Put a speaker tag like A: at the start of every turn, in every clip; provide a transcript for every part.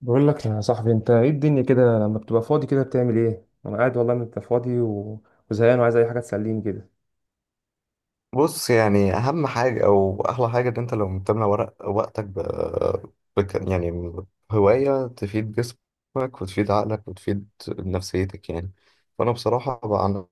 A: بقول لك يا صاحبي، انت ايه الدنيا كده لما بتبقى فاضي كده بتعمل ايه؟ انا قاعد والله ما ببقى فاضي و... وزهقان وعايز اي حاجه تسليني كده.
B: بص، يعني اهم حاجه او احلى حاجه ان انت لو بتملى ورق وقتك يعني هوايه تفيد جسمك وتفيد عقلك وتفيد نفسيتك يعني. فانا بصراحه بقى عن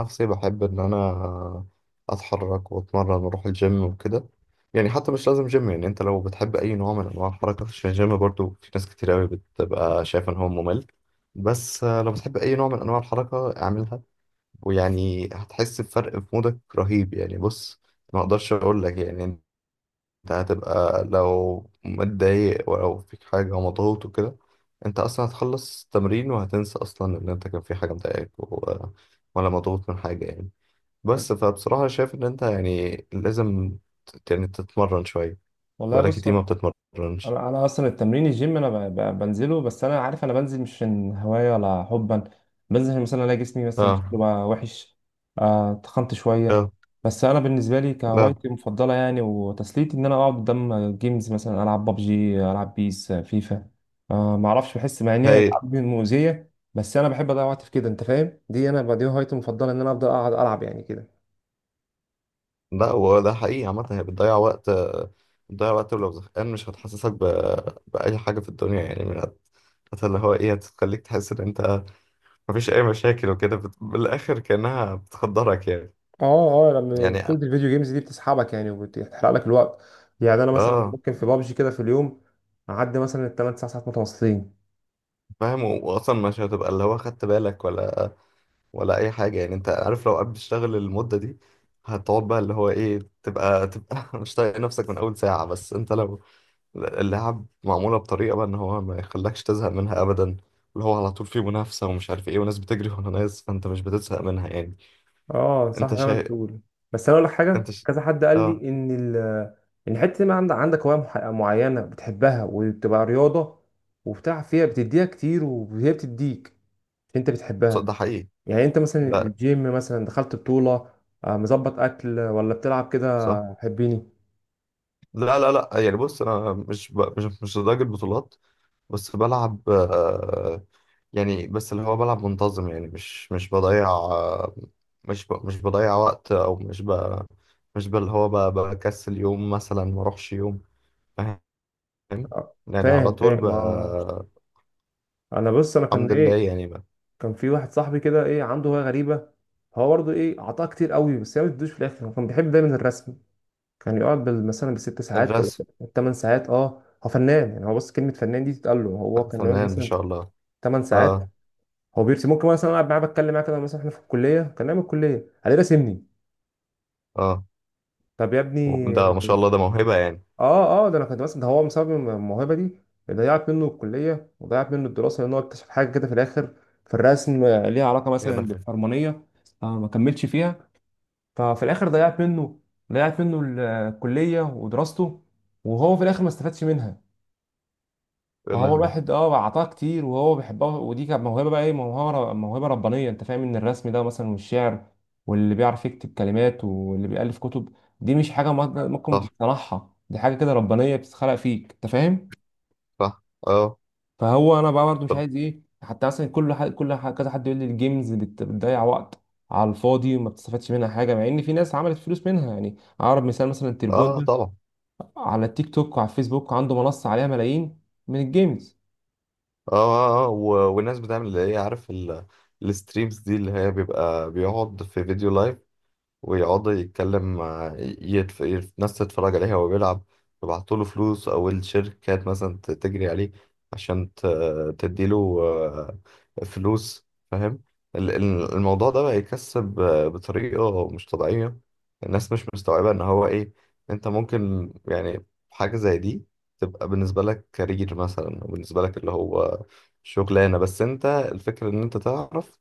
B: نفسي بحب ان انا اتحرك واتمرن واروح الجيم وكده، يعني حتى مش لازم جيم. يعني انت لو بتحب اي نوع من انواع الحركه، عشان الجيم برضو في ناس كتير قوي بتبقى شايفه ان هو ممل، بس لو بتحب اي نوع من انواع الحركه اعملها، ويعني هتحس بفرق في مودك رهيب. يعني بص، ما اقدرش اقول لك، يعني انت هتبقى لو متضايق ولو فيك حاجة ومضغوط وكده، انت اصلا هتخلص تمرين وهتنسى اصلا ان انت كان في حاجة مضايقاك ولا مضغوط من حاجة يعني. بس فبصراحة شايف ان انت يعني لازم يعني تتمرن شوية.
A: والله
B: بقالك
A: بص،
B: كتير ما
A: انا
B: بتتمرنش.
A: انا اصلا التمرين الجيم انا بنزله، بس انا عارف انا بنزل مش من هوايه ولا حبا. بنزل عشان مثلا الاقي جسمي مثلا شكله
B: اه
A: بقى وحش، تخنت شويه.
B: اه
A: بس انا بالنسبه لي
B: اه.
A: كهوايتي المفضله يعني وتسليتي ان انا اقعد قدام جيمز، مثلا العب ببجي، العب بيس، فيفا. ما اعرفش، بحس مع ان هي
B: هايل.
A: العاب مؤذيه، بس انا بحب اضيع وقت في كده. انت فاهم؟ دي دي هوايتي المفضله، ان انا افضل اقعد العب يعني كده.
B: لا هو ده حقيقي، عامة هي بتضيع وقت، بتضيع وقت ولو زهقان مش هتحسسك بأي حاجة في الدنيا، يعني من اللي هو إيه، هتخليك تحس إن أنت مفيش أي مشاكل وكده، بالآخر كأنها بتخدرك يعني.
A: اه اه، لما
B: يعني
A: بطولة الفيديو جيمز دي بتسحبك يعني وبتحرق لك الوقت. يعني انا مثلا
B: آه.
A: ممكن في بابجي كده في اليوم اعدي مثلا الثمان تسع ساعات متواصلين.
B: فاهم، وأصلا مش هتبقى اللي هو خدت بالك ولا ولا أي حاجة يعني، أنت عارف لو قبل تشتغل المدة دي هتقعد بقى اللي هو إيه، تبقى تبقى مش طايق نفسك من أول ساعة. بس أنت لو اللعب معمولة بطريقة بقى ان هو ما يخلكش تزهق منها ابدا، اللي هو على طول فيه منافسة ومش عارف ايه وناس بتجري ورا ناس، فانت مش بتزهق منها يعني.
A: اه صح،
B: انت
A: زي ما انت
B: شا...
A: بتقول. بس انا اقول لك
B: انت
A: حاجه،
B: ش...
A: كذا حد قال
B: اه.
A: لي ان حته ما عندك هوايه معينه بتحبها وتبقى رياضه وبتاع، فيها بتديها كتير وهي بتديك عشان انت بتحبها.
B: ده حقيقي.
A: يعني انت مثلا
B: لا.
A: الجيم مثلا دخلت بطوله؟ مظبط اكل ولا بتلعب كده؟
B: صح.
A: حبيني.
B: لا، يعني بص انا مش ب... مش مش لدرجة بطولات، بس بلعب آه، يعني بس اللي هو بلعب منتظم، يعني مش بضيع آه، مش بضيع وقت، او مش بقى اللي هو بكسل يوم مثلا ما اروحش يوم. فاهم؟ يعني على
A: فاهم
B: طول
A: فاهم اه.
B: بقى.
A: انا بص، انا
B: الحمد لله يعني بقى.
A: كان في واحد صاحبي كده، عنده هوايه غريبه. هو برضه عطاها كتير قوي بس هي ما بتدوش في الاخر. هو كان بيحب دايما الرسم، كان يقعد مثلا بالست ساعات ولا
B: الرسم.
A: ثمان ساعات. اه، هو فنان يعني. هو بص، كلمه فنان دي تتقال له. هو كان يقعد
B: فنان، ما
A: مثلا
B: شاء الله.
A: ثمان
B: اه
A: ساعات هو بيرسم، ممكن مثلا أنا قاعد معاه بتكلم معاه كده، مثلا احنا في الكليه كان نايم الكليه عليه راسمني.
B: اه.
A: طب يا ابني.
B: ده ما شاء الله، ده موهبة يعني.
A: اه اه، ده انا كنت مثلا، ده هو بسبب الموهبه دي ضيعت منه الكليه وضيعت منه الدراسه لان هو اكتشف حاجه كده في الاخر، في الرسم ليها علاقه
B: يا
A: مثلا
B: لهوي.
A: بالحرمانيه. آه، ما كملش فيها. ففي الاخر ضيعت منه، الكليه ودراسته، وهو في الاخر ما استفادش منها.
B: يا
A: فهو
B: لهوي.
A: الواحد اعطاه كتير وهو بيحبها، ودي كانت موهبه بقى، ايه، موهبه، موهبه ربانيه. انت فاهم ان الرسم ده مثلا والشعر واللي بيعرف يكتب كلمات واللي بيألف كتب دي مش حاجه ممكن
B: صح.
A: تصنعها، دي حاجه كده ربانيه بتتخلق فيك، انت فاهم.
B: صح اه.
A: فهو انا بقى برضه مش
B: طب.
A: عايز ايه، حتى مثلا كل حد، كذا حد يقول لي الجيمز بتضيع وقت على الفاضي وما بتستفادش منها حاجه، مع ان في ناس عملت فلوس منها يعني. اقرب مثال مثلا التربون
B: اه،
A: ده
B: طبعا.
A: على التيك توك وعلى الفيسبوك، عنده منصه عليها ملايين من الجيمز.
B: اه اه، آه. و... والناس بتعمل اللي هي عارف ال... الستريمز دي اللي هي بيبقى بيقعد في فيديو لايف ويقعد يتكلم مع ناس تتفرج عليه وهو بيلعب، يبعتوا له فلوس، أو الشركات مثلا تجري عليه عشان تديله آه، فلوس. فاهم، الموضوع ده بقى يكسب آه، بطريقة مش طبيعية. الناس مش مستوعبة إن هو إيه، أنت ممكن يعني حاجة زي دي تبقى بالنسبة لك كارير مثلا، أو بالنسبة لك اللي هو شغلانة، بس أنت الفكرة إن أنت تعرف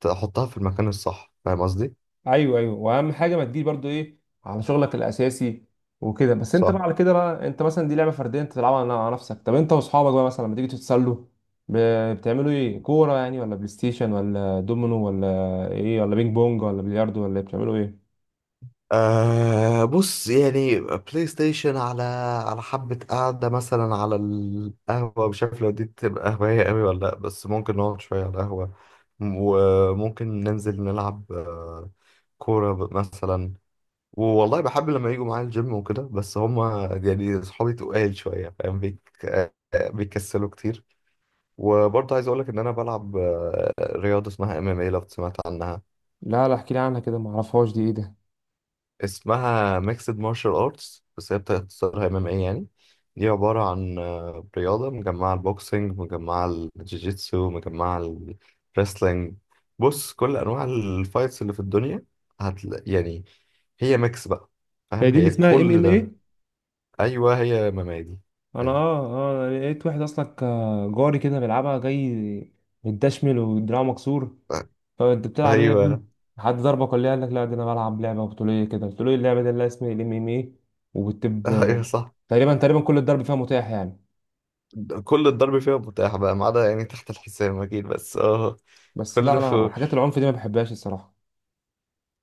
B: تحطها في المكان الصح، فاهم قصدي؟
A: ايوه ايوه، واهم حاجه ما تجيش برضو ايه على شغلك الاساسي وكده. بس انت
B: صح.
A: بقى، على كده بقى انت مثلا دي لعبه فرديه انت تلعبها على نفسك. طب انت واصحابك بقى مثلا لما تيجي تتسلوا بتعملوا ايه؟ كوره يعني؟ ولا بلاي ستيشن؟ ولا دومينو؟ ولا ايه؟ ولا بينج بونج؟ ولا بلياردو؟ ولا إيه؟ بتعملوا ايه؟
B: أه بص، يعني بلاي ستيشن على على حبة قعدة مثلا على القهوة، مش عارف لو دي تبقى هواية قوي ولا لأ، بس ممكن نقعد شوية على القهوة وممكن ننزل نلعب آه، كورة مثلا. والله بحب لما يجوا معايا الجيم وكده بس هما يعني صحابي تقال شوية، فاهم بيك آه، بيكسلوا كتير. وبرضه عايز أقولك إن أنا بلعب آه، رياضة اسمها ام ام اي، لو سمعت عنها.
A: لا لا، احكي لي عنها كده، ما اعرفهاش، دي ايه ده؟
B: اسمها ميكسد مارشال ارتس، بس هي بتختصرها ام ام اي يعني. دي عبارة عن آه، رياضة مجمعة، البوكسينج مجمعة، الجيجيتسو مجمعة، الريسلينج. بص، كل انواع الفايتس اللي في الدنيا هتلاقي يعني، هي ميكس بقى.
A: هي
B: فاهم،
A: دي اللي
B: هي
A: اسمها ام
B: كل
A: ام
B: ده.
A: ايه؟
B: ايوه هي ممادي.
A: انا
B: أيوة.
A: اه اه أنا لقيت واحد اصلا جاري كده بيلعبها، جاي متدشمل ودراعه مكسور. طب انت بتلعب ايه يا
B: ايوه.
A: ابني؟ حد ضربك ولا ايه؟ قال لك لا، ده انا بلعب لعبه بطوليه كده. قلت له ايه اللعبه دي اللي اسمها الام ام اي؟ وبتب،
B: ايوه صح.
A: تقريبا تقريبا كل الضرب فيها متاح يعني.
B: كل الضرب فيها متاح بقى، ما عدا يعني تحت الحزام اكيد، بس اه.
A: بس لا،
B: كله.
A: انا حاجات العنف دي ما بحبهاش الصراحه.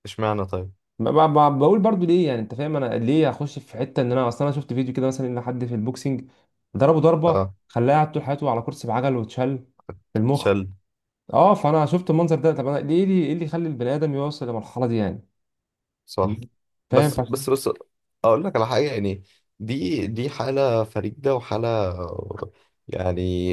B: اشمعنى طيب.
A: ما بقول برضو ليه يعني، انت فاهم انا ليه اخش في حته، ان انا اصلا انا شفت فيديو كده مثلا ان حد في البوكسنج ضربه ضربه
B: اه.
A: خلاه قاعد طول حياته على كرسي بعجل واتشل في المخ.
B: تشل.
A: اه، فانا شفت المنظر ده، طب انا ليه، ايه اللي يخلي البني ادم يوصل للمرحله دي يعني،
B: صح.
A: فاهم.
B: بس، اقول لك على حاجه يعني، دي حاله فريده وحاله، يعني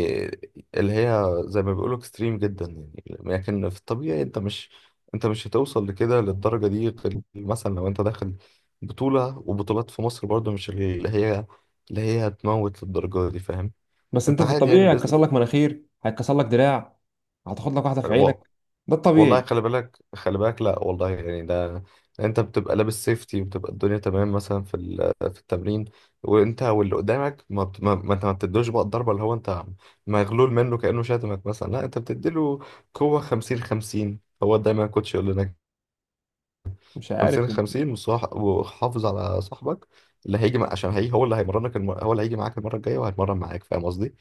B: اللي هي زي ما بيقولوا اكستريم جدا يعني. لكن في الطبيعي انت مش انت مش هتوصل لكده، للدرجه دي، غير مثلا لو انت داخل بطوله. وبطولات في مصر برضو مش اللي هي اللي هي هتموت للدرجه دي، فاهم؟
A: بس انت
B: انت
A: في
B: عادي يعني.
A: الطبيعي هيتكسر لك مناخير، هيتكسر لك دراع، هتاخد لك واحده في
B: باذن.
A: عينك، ده
B: والله
A: الطبيعي.
B: خلي بالك، خلي بالك. لا والله، يعني ده انت بتبقى لابس سيفتي وبتبقى الدنيا تمام، مثلا في في التمرين، وانت واللي قدامك، ما بت- ما ما انت ما بتدوش بقى الضربه اللي هو انت مغلول منه كانه شاتمك مثلا، لا انت بتديله قوه 50 50. هو دايما الكوتش يقول لنا
A: مش
B: 50
A: عارف ليه.
B: 50، وحافظ على صاحبك اللي عشان هو اللي هو اللي هيجي معاك المره الجايه وهيتمرن معاك، فاهم قصدي؟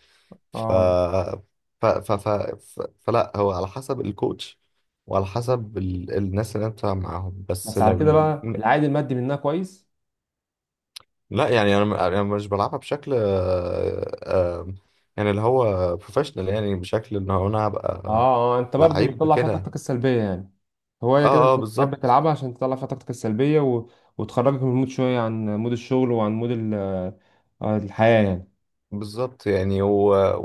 B: ف...
A: اه،
B: ف... ف... ف... فلا، هو على حسب الكوتش وعلى حسب ال... الناس اللي انت معاهم، بس
A: بس على
B: لو
A: كده بقى العائد المادي منها كويس؟
B: لا يعني، انا مش بلعبها بشكل يعني اللي هو بروفيشنال، يعني بشكل ان هو انا
A: اه
B: هبقى
A: اه، انت برضو
B: لعيب
A: بتطلع فيها
B: كده.
A: طاقتك السلبيه يعني. هوايه كده
B: اه اه،
A: انت بتحب
B: بالظبط.
A: تلعبها عشان تطلع فيها طاقتك السلبيه و... وتخرجك من المود شويه، عن مود الشغل وعن مود ال... آه، الحياه يعني.
B: بالظبط يعني، و...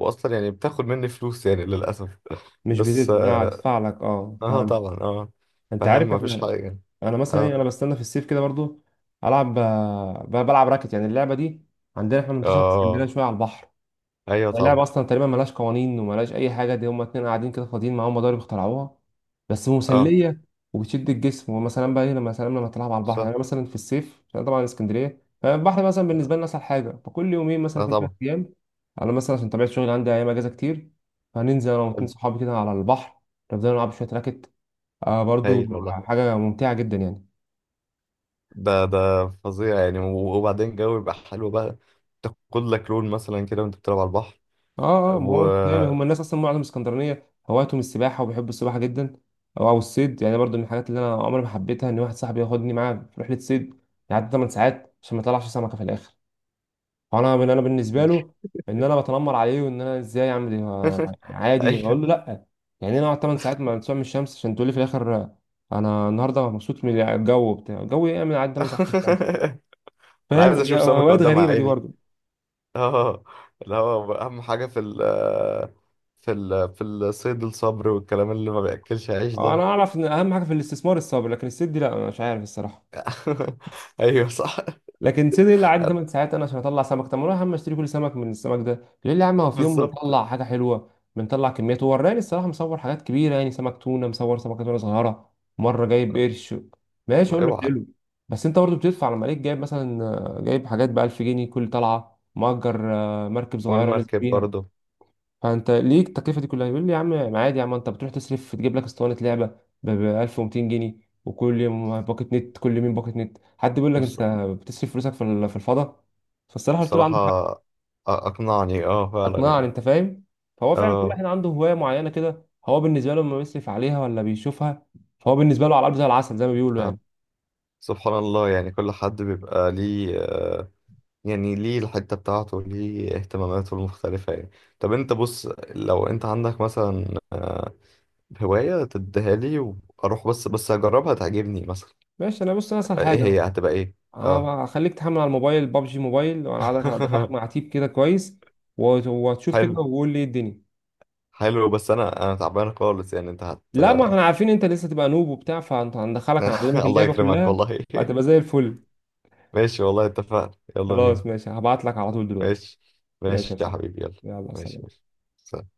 B: واصلا يعني بتاخد مني فلوس، يعني للاسف
A: مش
B: بس اه،
A: بتدفع لك؟ اه،
B: آه،
A: فاهم.
B: طبعا اه.
A: انت
B: فاهم،
A: عارف
B: مفيش
A: احنا.
B: حاجه.
A: انا
B: اه
A: مثلا ايه،
B: اه
A: انا بستنى في الصيف كده برضو العب، بلعب راكت يعني، اللعبه دي عندنا احنا
B: آه،
A: منتشره في اسكندريه
B: آه،
A: شويه على البحر.
B: ايوه
A: يعني اللعبه
B: طبعا.
A: اصلا تقريبا ملهاش قوانين وملهاش اي حاجه، دي هما اتنين قاعدين كده فاضيين معاهم مضارب اخترعوها بس
B: اه.
A: مسليه وبتشد الجسم. ومثلا بقى ايه، لما سلام، لما تلعب على البحر يعني،
B: صح.
A: أنا مثلا في الصيف عشان طبعا اسكندريه فالبحر مثلا بالنسبه لنا اسهل حاجه، فكل يومين مثلا
B: لا
A: كل ثلاث
B: طبعا.
A: ايام، انا مثلا عشان طبيعه شغلي عندي ايام اجازه كتير، فننزل انا واتنين
B: حلو.
A: صحابي كده على البحر، نفضل نلعب شويه راكت. برضو
B: هايل والله.
A: حاجه ممتعه جدا يعني.
B: ده فظيع يعني، وبعدين جو يبقى حلو بقى، تاخد لك لون مثلا كده وانت بتلعب على البحر.
A: اه اه، ما
B: و.
A: هو انت فاهم، هم الناس اصلا معظم اسكندرانيه هوايتهم السباحه وبيحبوا السباحه جدا. او الصيد يعني، برضو من الحاجات اللي انا عمري ما حبيتها ان واحد صاحبي ياخدني معاه في رحله صيد يعدي 8 ساعات عشان ما يطلعش سمكه في الاخر. فانا من انا بالنسبه له ان انا بتنمر عليه وان انا ازاي اعمل إيه، آه، عادي اقول
B: ايوه.
A: له لا. يعني انا اقعد 8 ساعات ما من الشمس عشان تقول لي في الاخر انا النهارده مبسوط من الجو، بتاع الجو من عدى 8 ساعات في الشمس.
B: انا
A: فاهم؟
B: عايز
A: دي
B: اشوف سمكة
A: هوايات
B: قدام
A: غريبه دي
B: عيني.
A: برضو.
B: اه، اللي هو اهم حاجة في ال في ال في الصيد الصبر، والكلام اللي ما بياكلش عيش
A: انا
B: ده.
A: اعرف ان اهم حاجه في الاستثمار الصبر، لكن الصيد دي لا، انا مش عارف الصراحه.
B: ايوه صح.
A: لكن سيدي اللي قعدني 8 ساعات انا عشان اطلع سمك، طب ما أنا يا عم اشتري كل سمك من السمك ده. يقول لي يا عم هو في يوم
B: بالظبط.
A: بنطلع حاجه حلوه، بنطلع كميات، وراني الصراحه مصور حاجات كبيره، يعني سمك تونه، مصور سمكه تونه صغيره، مره جايب قرش. ماشي، اقول له
B: اوعى.
A: حلو. بس انت برضه بتدفع، لما ليك جايب مثلا جايب حاجات ب 1000 جنيه كل طلعه، مأجر مركب صغيره نازل
B: والمركب
A: بيها،
B: برضه.
A: فانت ليه التكلفه دي كلها؟ يقول لي يا عم عادي، يا عم انت بتروح تصرف تجيب لك اسطوانه لعبه ب 1200 جنيه، وكل يوم باكت نت، كل يومين باكت نت، حد بيقول لك انت
B: بص-
A: بتصرف فلوسك في الفضاء. فالصراحه قلت له عندك حق.
B: بصراحة، أ- اقنعني اه، فعلا
A: اقنعني،
B: يعني.
A: انت فاهم. فهو فعلا كل
B: اه.
A: واحد عنده هوايه معينه كده، هو بالنسبه له لما بيصرف عليها ولا بيشوفها، فهو بالنسبه له على الارض زي العسل، زي ما بيقولوا
B: آه.
A: يعني.
B: سبحان الله، يعني كل حد بيبقى ليه آه، يعني ليه الحتة بتاعته، ليه اهتماماته المختلفة يعني. طب انت بص، لو انت عندك مثلا آه، هواية تديها لي واروح بس اجربها تعجبني مثلا.
A: ماشي، انا بص، انا اسهل
B: آه، ايه،
A: حاجه
B: هي هتبقى ايه؟ اه.
A: هخليك تحمل على الموبايل بابجي موبايل وانا هدخلك مع تيب كده كويس وتشوف كده
B: حلو.
A: وقول لي ايه الدنيا.
B: حلو بس انا تعبان خالص يعني، انت هت.
A: لا ما احنا عارفين انت لسه تبقى نوب وبتاع، فانت هندخلك هنعلمك
B: الله
A: اللعبه
B: يكرمك
A: كلها
B: والله.
A: وهتبقى زي الفل.
B: ماشي والله، اتفقنا، يلا
A: خلاص
B: بينا.
A: ماشي، هبعت لك على طول دلوقتي.
B: ماشي.
A: ماشي
B: ماشي
A: يا
B: يا
A: صاحبي،
B: حبيبي، يلا.
A: يلا
B: ماشي
A: سلام.
B: ماشي.